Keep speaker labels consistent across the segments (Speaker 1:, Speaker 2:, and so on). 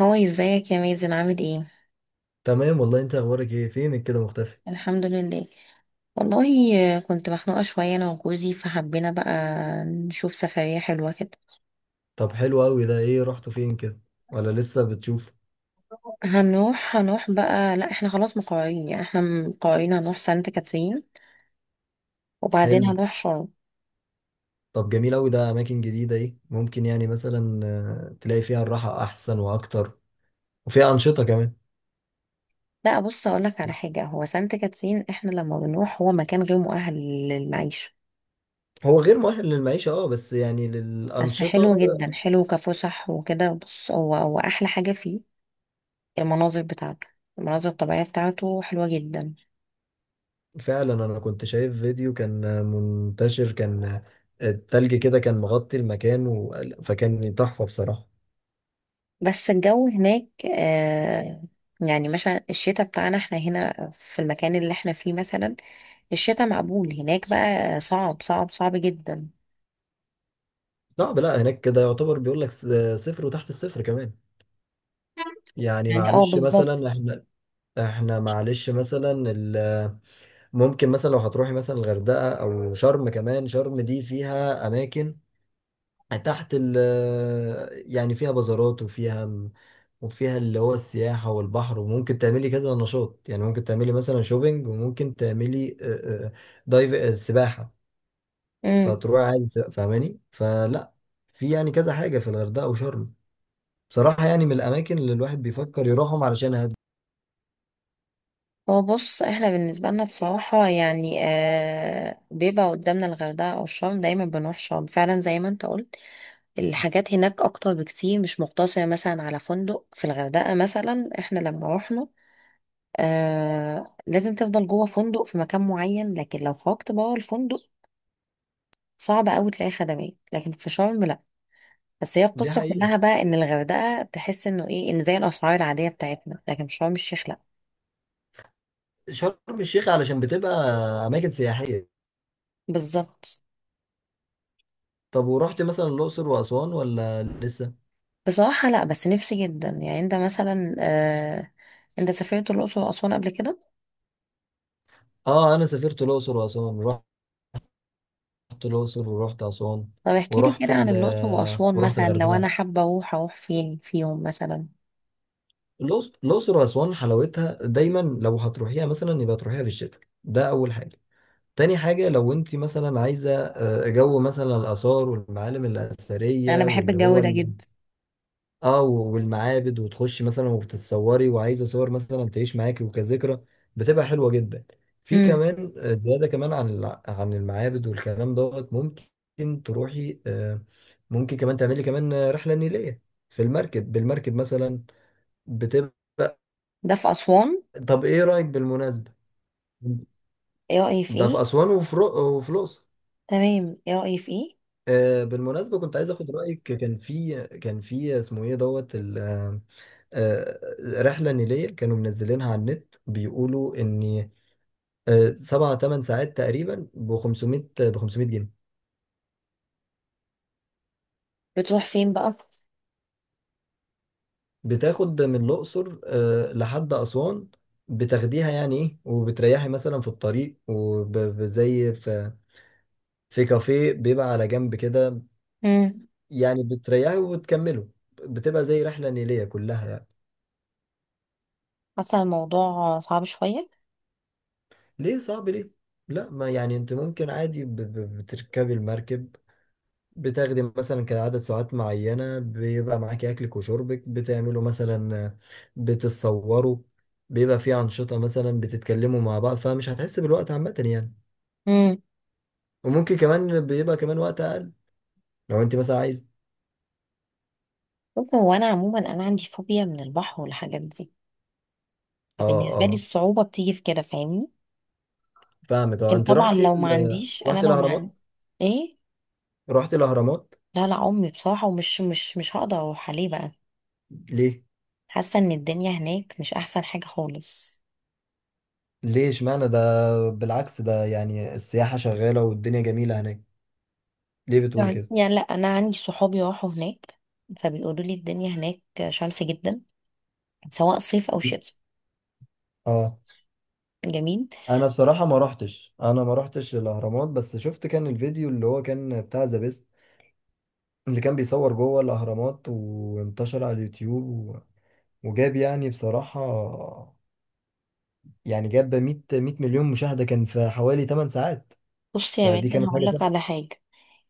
Speaker 1: هو ازيك يا مازن عامل ايه؟
Speaker 2: تمام والله، انت اخبارك ايه؟ فينك كده مختفي؟
Speaker 1: الحمد لله. والله كنت مخنوقة شوية انا وجوزي، فحبينا بقى نشوف سفرية حلوة كده.
Speaker 2: طب حلو قوي، ده ايه رحتوا فين كده ولا لسه بتشوف؟
Speaker 1: هنروح بقى، لا، احنا خلاص مقررين، يعني احنا مقررين هنروح سانت كاترين، وبعدين
Speaker 2: حلو.
Speaker 1: هنروح شرم.
Speaker 2: طب جميل قوي، ده اماكن جديدة ايه ممكن يعني مثلا تلاقي فيها الراحة احسن واكتر وفيها انشطة كمان.
Speaker 1: لا، بص اقولك على حاجة، هو سانت كاترين احنا لما بنروح، هو مكان غير مؤهل للمعيشة.
Speaker 2: هو غير مؤهل للمعيشة. اه بس يعني
Speaker 1: بس
Speaker 2: للانشطة
Speaker 1: حلو جدا، حلو كفسح وكده. بص، هو احلى حاجة فيه المناظر بتاعته المناظر الطبيعية بتاعته حلوة جدا.
Speaker 2: فعلا، انا كنت شايف فيديو كان منتشر، كان التلج كده كان مغطي المكان فكان تحفة بصراحة.
Speaker 1: بس الجو هناك آه يعني مثلا الشتاء بتاعنا احنا هنا في المكان اللي احنا فيه مثلا، الشتاء مقبول. هناك بقى صعب صعب صعب جدا.
Speaker 2: صعب، لا هناك كده يعتبر بيقول لك صفر وتحت الصفر كمان. يعني
Speaker 1: يعني اه،
Speaker 2: معلش
Speaker 1: بالظبط.
Speaker 2: مثلا احنا، احنا معلش مثلا ال- ممكن مثلا لو هتروحي مثلا الغردقه او شرم. كمان شرم دي فيها اماكن تحت ال يعني فيها بازارات وفيها اللي هو السياحه والبحر، وممكن تعملي كذا نشاط. يعني ممكن تعملي مثلا شوبينج، وممكن تعملي دايف، سباحه.
Speaker 1: امم.
Speaker 2: فتروحي عادي سباحة، فاهماني؟ فلا، في يعني كذا حاجه في الغردقه وشرم، بصراحه، يعني من الاماكن اللي الواحد بيفكر يروحهم علشان
Speaker 1: هو بص، احنا بالنسبة لنا بصراحة يعني بيبقى قدامنا الغردقة او الشرم. دايما بنروح شرم فعلا، زي ما انت قلت، الحاجات هناك اكتر بكتير، مش مقتصرة مثلا على فندق. في الغردقة مثلا احنا لما رحنا، لازم تفضل جوه فندق في مكان معين، لكن لو خرجت بره الفندق صعب قوي تلاقي خدمات. لكن في شرم لا. بس هي
Speaker 2: دي
Speaker 1: القصه
Speaker 2: حقيقه.
Speaker 1: كلها بقى، ان الغردقه تحس انه ايه، ان زي الاسعار العاديه بتاعتنا، لكن في شرم الشيخ لا.
Speaker 2: شرم الشيخ علشان بتبقى اماكن سياحيه.
Speaker 1: بالظبط.
Speaker 2: طب ورحت مثلا الاقصر واسوان ولا لسه؟
Speaker 1: بصراحه لا، بس نفسي جدا. يعني انت مثلا، انت سافرت الاقصر واسوان قبل كده؟
Speaker 2: اه، انا سافرت الاقصر واسوان. رحت الاقصر ورحت اسوان
Speaker 1: طب احكي لي
Speaker 2: ورحت
Speaker 1: كده
Speaker 2: ال
Speaker 1: عن الاقصر واسوان،
Speaker 2: ورحت
Speaker 1: مثلا لو
Speaker 2: الغردقه.
Speaker 1: انا حابه اروح، اروح فين فيهم مثلا؟
Speaker 2: الاقصر واسوان حلاوتها دايما، لو هتروحيها مثلا يبقى تروحيها في الشتاء، ده اول حاجه. تاني حاجه، لو انت مثلا عايزه جو مثلا الاثار والمعالم
Speaker 1: انا
Speaker 2: الاثريه
Speaker 1: بحب
Speaker 2: واللي
Speaker 1: الجو
Speaker 2: هو،
Speaker 1: ده جدا.
Speaker 2: اه والمعابد، وتخشي مثلا وبتتصوري وعايزه صور مثلا تعيش معاكي وكذكرى، بتبقى حلوه جدا. في
Speaker 1: امم.
Speaker 2: كمان زياده كمان عن عن المعابد والكلام دوت، ممكن تروحي، ممكن كمان تعملي كمان، رحله نيليه في المركب، بالمركب مثلا بتبقى.
Speaker 1: ده في اسوان؟
Speaker 2: طب ايه رايك بالمناسبه؟
Speaker 1: ايه رايي في
Speaker 2: ده في
Speaker 1: ايه؟
Speaker 2: اسوان وفي الاقصر.
Speaker 1: تمام، ايه رايي في ايه؟
Speaker 2: بالمناسبه، كنت عايز اخد رايك. كان في اسمه ايه دوت، آه، رحلة نيلية كانوا منزلينها على النت، بيقولوا إن سبعة تمن ساعات تقريبا ب 500 جنيه.
Speaker 1: بتروح فين بقى؟
Speaker 2: بتاخد من الأقصر لحد أسوان. بتاخديها يعني إيه، وبتريحي مثلا في الطريق، وزي في في كافيه بيبقى على جنب كده.
Speaker 1: امم.
Speaker 2: يعني بتريحي وبتكمله، بتبقى زي رحلة نيلية كلها يعني.
Speaker 1: حاسه الموضوع صعب شويه.
Speaker 2: ليه صعب؟ ليه؟ لا ما يعني، انت ممكن عادي بتركبي المركب، بتاخدي مثلا كده عدد ساعات معينة، بيبقى معاكي أكلك وشربك، بتعملوا مثلا بتتصوروا، بيبقى في أنشطة، مثلا بتتكلموا مع بعض، فمش هتحس بالوقت عامة يعني. وممكن كمان بيبقى كمان وقت أقل لو أنت مثلا عايز.
Speaker 1: بص، هو انا عموما انا عندي فوبيا من البحر والحاجات دي،
Speaker 2: اه
Speaker 1: فبالنسبه لي
Speaker 2: اه،
Speaker 1: الصعوبه بتيجي في كده، فاهمني.
Speaker 2: فاهمك. اه،
Speaker 1: لكن
Speaker 2: أنت
Speaker 1: طبعا
Speaker 2: رحتي رحتي
Speaker 1: لو ما عندي...
Speaker 2: الأهرامات؟
Speaker 1: ايه؟
Speaker 2: رحتي الأهرامات؟
Speaker 1: لا لا، امي بصراحه، ومش مش هقدر اروح عليه بقى.
Speaker 2: ليه؟
Speaker 1: حاسه ان الدنيا هناك مش احسن حاجه خالص.
Speaker 2: ليه اشمعنى ده؟ بالعكس، ده يعني السياحة شغالة والدنيا جميلة هناك. ليه بتقولي
Speaker 1: يعني
Speaker 2: كده؟
Speaker 1: يعني لا، انا عندي صحابي راحوا هناك، فبيقولوا لي الدنيا هناك شمس جدا، سواء صيف او شتاء.
Speaker 2: اه،
Speaker 1: جميل.
Speaker 2: انا بصراحه ما رحتش، انا ما رحتش الاهرامات، بس شفت كان الفيديو اللي هو كان بتاع ذا بيست، اللي كان بيصور جوه الاهرامات وانتشر على اليوتيوب وجاب، يعني بصراحه، يعني جاب 100 مليون مشاهده كان في حوالي 8 ساعات.
Speaker 1: بص يا
Speaker 2: فدي
Speaker 1: ميدان،
Speaker 2: كانت
Speaker 1: هقول
Speaker 2: حاجه
Speaker 1: لك على
Speaker 2: تحفة.
Speaker 1: حاجه،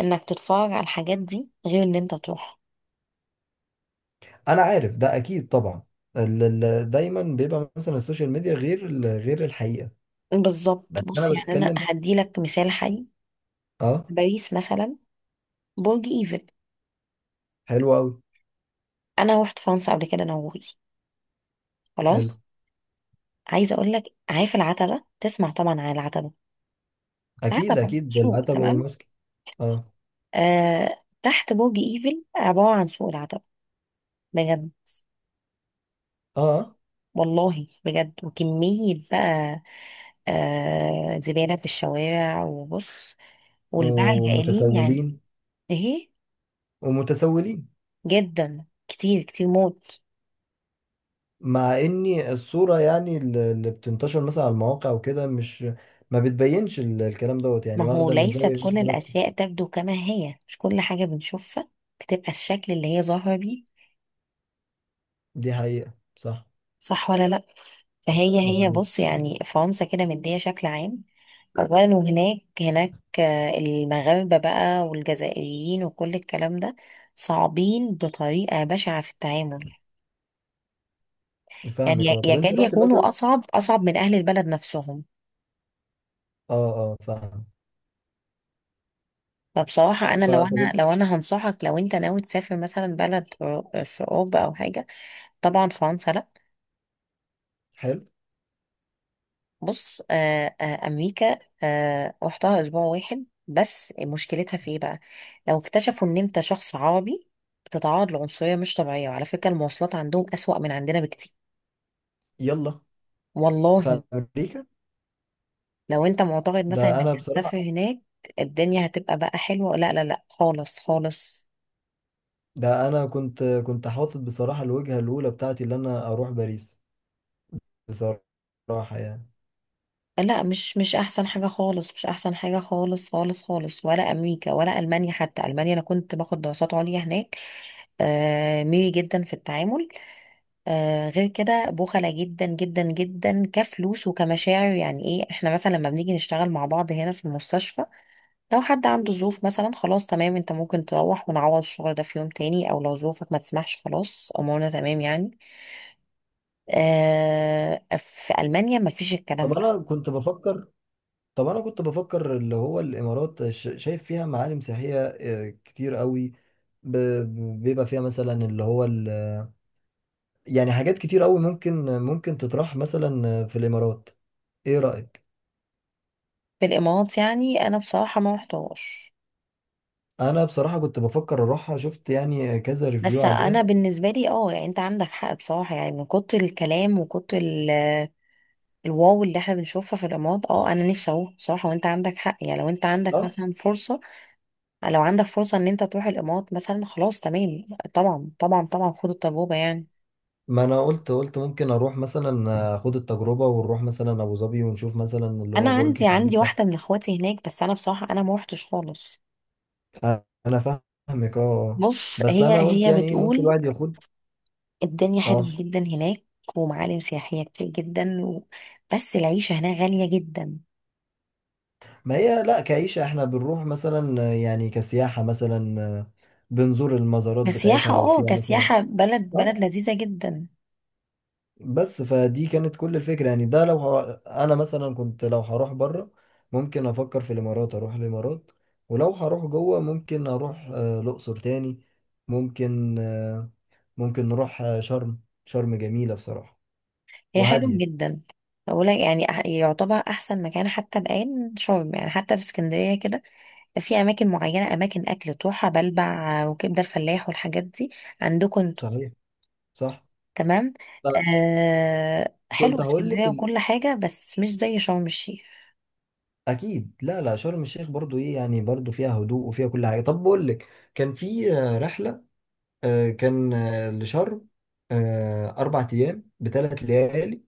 Speaker 1: انك تتفرج على الحاجات دي غير ان انت تروح.
Speaker 2: انا عارف ده اكيد طبعا. دايما بيبقى مثلا السوشيال ميديا غير غير الحقيقه.
Speaker 1: بالظبط.
Speaker 2: بس
Speaker 1: بص
Speaker 2: انا
Speaker 1: يعني، انا
Speaker 2: بتكلم.
Speaker 1: هدي لك مثال حي.
Speaker 2: اه.
Speaker 1: باريس مثلا، برج ايفل.
Speaker 2: حلو قوي.
Speaker 1: انا روحت فرنسا قبل كده انا وجوزي،
Speaker 2: حلو.
Speaker 1: خلاص. عايزه اقول لك، عارف العتبه؟ تسمع طبعا عن العتبه.
Speaker 2: اكيد
Speaker 1: العتبه
Speaker 2: اكيد،
Speaker 1: سوق،
Speaker 2: العتبه
Speaker 1: تمام؟
Speaker 2: والمسك. اه.
Speaker 1: تحت برج ايفل عباره عن سوق العتبه، بجد.
Speaker 2: اه.
Speaker 1: والله بجد. وكميه بقى زباله في الشوارع، وبص، والباعة الجائلين، يعني.
Speaker 2: ومتسولين.
Speaker 1: ايه.
Speaker 2: ومتسولين.
Speaker 1: جدا كتير كتير موت.
Speaker 2: مع اني الصورة يعني اللي بتنتشر مثلا على المواقع وكده، مش ما بتبينش الكلام دوت، يعني
Speaker 1: ما هو
Speaker 2: واخدة من
Speaker 1: ليست
Speaker 2: زاوية
Speaker 1: كل
Speaker 2: واحدة بس.
Speaker 1: الأشياء تبدو كما هي، مش كل حاجة بنشوفها بتبقى الشكل اللي هي ظاهرة بيه.
Speaker 2: دي حقيقة، صح.
Speaker 1: صح ولا لأ؟ فهي
Speaker 2: مظبوط.
Speaker 1: بص، يعني فرنسا كده مدية شكل عام. أولا، وهناك هناك آه، المغاربة بقى والجزائريين وكل الكلام ده، صعبين بطريقة بشعة في التعامل. يعني
Speaker 2: فاهمك. اه، طب انت
Speaker 1: يكاد
Speaker 2: رحت
Speaker 1: يكونوا
Speaker 2: مثلا.
Speaker 1: أصعب أصعب من أهل البلد نفسهم.
Speaker 2: اه اه، فاهم.
Speaker 1: فبصراحة أنا لو
Speaker 2: فطب.
Speaker 1: أنا لو أنا هنصحك، لو أنت ناوي تسافر مثلا بلد في أوروبا أو حاجة، طبعا فرنسا لأ.
Speaker 2: حلو.
Speaker 1: بص امريكا، رحتها اسبوع واحد بس، مشكلتها في ايه بقى؟ لو اكتشفوا ان انت شخص عربي بتتعرض لعنصريه مش طبيعيه. وعلى فكره، المواصلات عندهم اسوأ من عندنا بكتير.
Speaker 2: يلا.
Speaker 1: والله.
Speaker 2: في امريكا؟
Speaker 1: لو انت معتقد مثلا
Speaker 2: ده
Speaker 1: انك
Speaker 2: انا
Speaker 1: هتسافر
Speaker 2: بصراحة،
Speaker 1: هناك الدنيا هتبقى بقى حلوه، لا لا لا، خالص خالص.
Speaker 2: ده انا كنت حاطط بصراحة الوجهة الاولى بتاعتي اللي انا اروح باريس بصراحة يعني.
Speaker 1: لا، مش احسن حاجه خالص، مش احسن حاجه خالص خالص خالص. ولا امريكا ولا المانيا، حتى المانيا. انا كنت باخد دراسات عليا هناك. ميري جدا في التعامل. غير كده بخلة جدا جدا جدا، كفلوس وكمشاعر. يعني ايه، احنا مثلا لما بنيجي نشتغل مع بعض هنا في المستشفى، لو حد عنده ظروف، مثلا خلاص تمام، انت ممكن تروح ونعوض الشغل ده في يوم تاني. او لو ظروفك ما تسمحش، خلاص، امورنا تمام، يعني. في المانيا ما فيش الكلام
Speaker 2: طب
Speaker 1: ده.
Speaker 2: انا كنت بفكر طب انا كنت بفكر اللي هو الامارات، شايف فيها معالم سياحيه كتير قوي. بيبقى فيها مثلا اللي هو يعني حاجات كتير قوي، ممكن تطرح مثلا في الامارات. ايه رايك؟
Speaker 1: في الامارات، يعني انا بصراحة ما رحتهاش.
Speaker 2: انا بصراحه كنت بفكر اروحها، شفت يعني كذا ريفيو
Speaker 1: بس
Speaker 2: عليها.
Speaker 1: انا بالنسبة لي، اه، يعني انت عندك حق بصراحة، يعني من كتر الكلام وكتر الواو اللي احنا بنشوفها في الرماد، اه انا نفسي اروح بصراحه. وانت عندك حق، يعني لو انت عندك
Speaker 2: اه،
Speaker 1: مثلا فرصه، لو عندك فرصه ان انت تروح الامارات مثلا، خلاص تمام. طبعا طبعا طبعا، خد التجربه يعني.
Speaker 2: ما انا قلت ممكن اروح، مثلا اخد التجربه، ونروح مثلا ابو ظبي ونشوف مثلا اللي
Speaker 1: انا
Speaker 2: هو برج
Speaker 1: عندي
Speaker 2: خليفه.
Speaker 1: واحده من اخواتي هناك، بس انا بصراحه انا ما روحتش خالص.
Speaker 2: انا فاهمك، اه. آه.
Speaker 1: بص،
Speaker 2: بس
Speaker 1: هي
Speaker 2: انا قلت
Speaker 1: هي
Speaker 2: يعني ايه، ممكن
Speaker 1: بتقول
Speaker 2: الواحد ياخد.
Speaker 1: الدنيا حلوه
Speaker 2: اه،
Speaker 1: جدا هناك، ومعالم سياحيه كتير جدا و... بس العيشه هناك غاليه جدا.
Speaker 2: ما هي لا، كعيشة احنا بنروح مثلا يعني كسياحة مثلا، بنزور المزارات بتاعتها
Speaker 1: كسياحه،
Speaker 2: لو فيها مثلا.
Speaker 1: كسياحه، بلد
Speaker 2: اه،
Speaker 1: لذيذه جدا.
Speaker 2: بس فدي كانت كل الفكرة يعني، ده لو انا مثلا كنت لو هروح بره، ممكن افكر في الامارات، اروح الامارات. ولو هروح جوه ممكن اروح الاقصر تاني. ممكن، ممكن نروح شرم. شرم جميلة بصراحة،
Speaker 1: هي حلو
Speaker 2: وهادية.
Speaker 1: جدا. بقول لك يعني يعتبر احسن مكان حتى الان شرم. يعني حتى في اسكندريه كده، في اماكن معينه، اماكن اكل تروحها، بلبع وكبده الفلاح والحاجات دي، عندكم انتوا.
Speaker 2: صحيح. صح.
Speaker 1: تمام. حلو
Speaker 2: فكنت هقول
Speaker 1: اسكندريه
Speaker 2: لك،
Speaker 1: وكل حاجه، بس مش زي شرم الشيخ.
Speaker 2: اكيد لا لا، شرم الشيخ برضو ايه يعني. برضو فيها هدوء وفيها كل حاجه. طب بقول لك، كان في رحله، كان لشرم، 4 ايام بثلاث ليالي.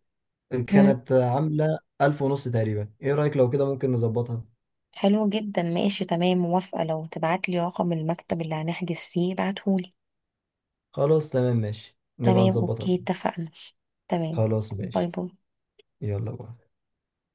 Speaker 1: مم.
Speaker 2: كانت عامله 1500 تقريبا. ايه رايك لو كده ممكن نظبطها؟
Speaker 1: حلو جدا، ماشي تمام، موافقه. لو تبعت لي رقم المكتب اللي هنحجز فيه ابعتهولي.
Speaker 2: خلاص تمام ماشي، نبقى
Speaker 1: تمام،
Speaker 2: نظبطها.
Speaker 1: اوكي، اتفقنا. تمام.
Speaker 2: خلاص
Speaker 1: باي
Speaker 2: ماشي.
Speaker 1: باي.
Speaker 2: يلا بقى.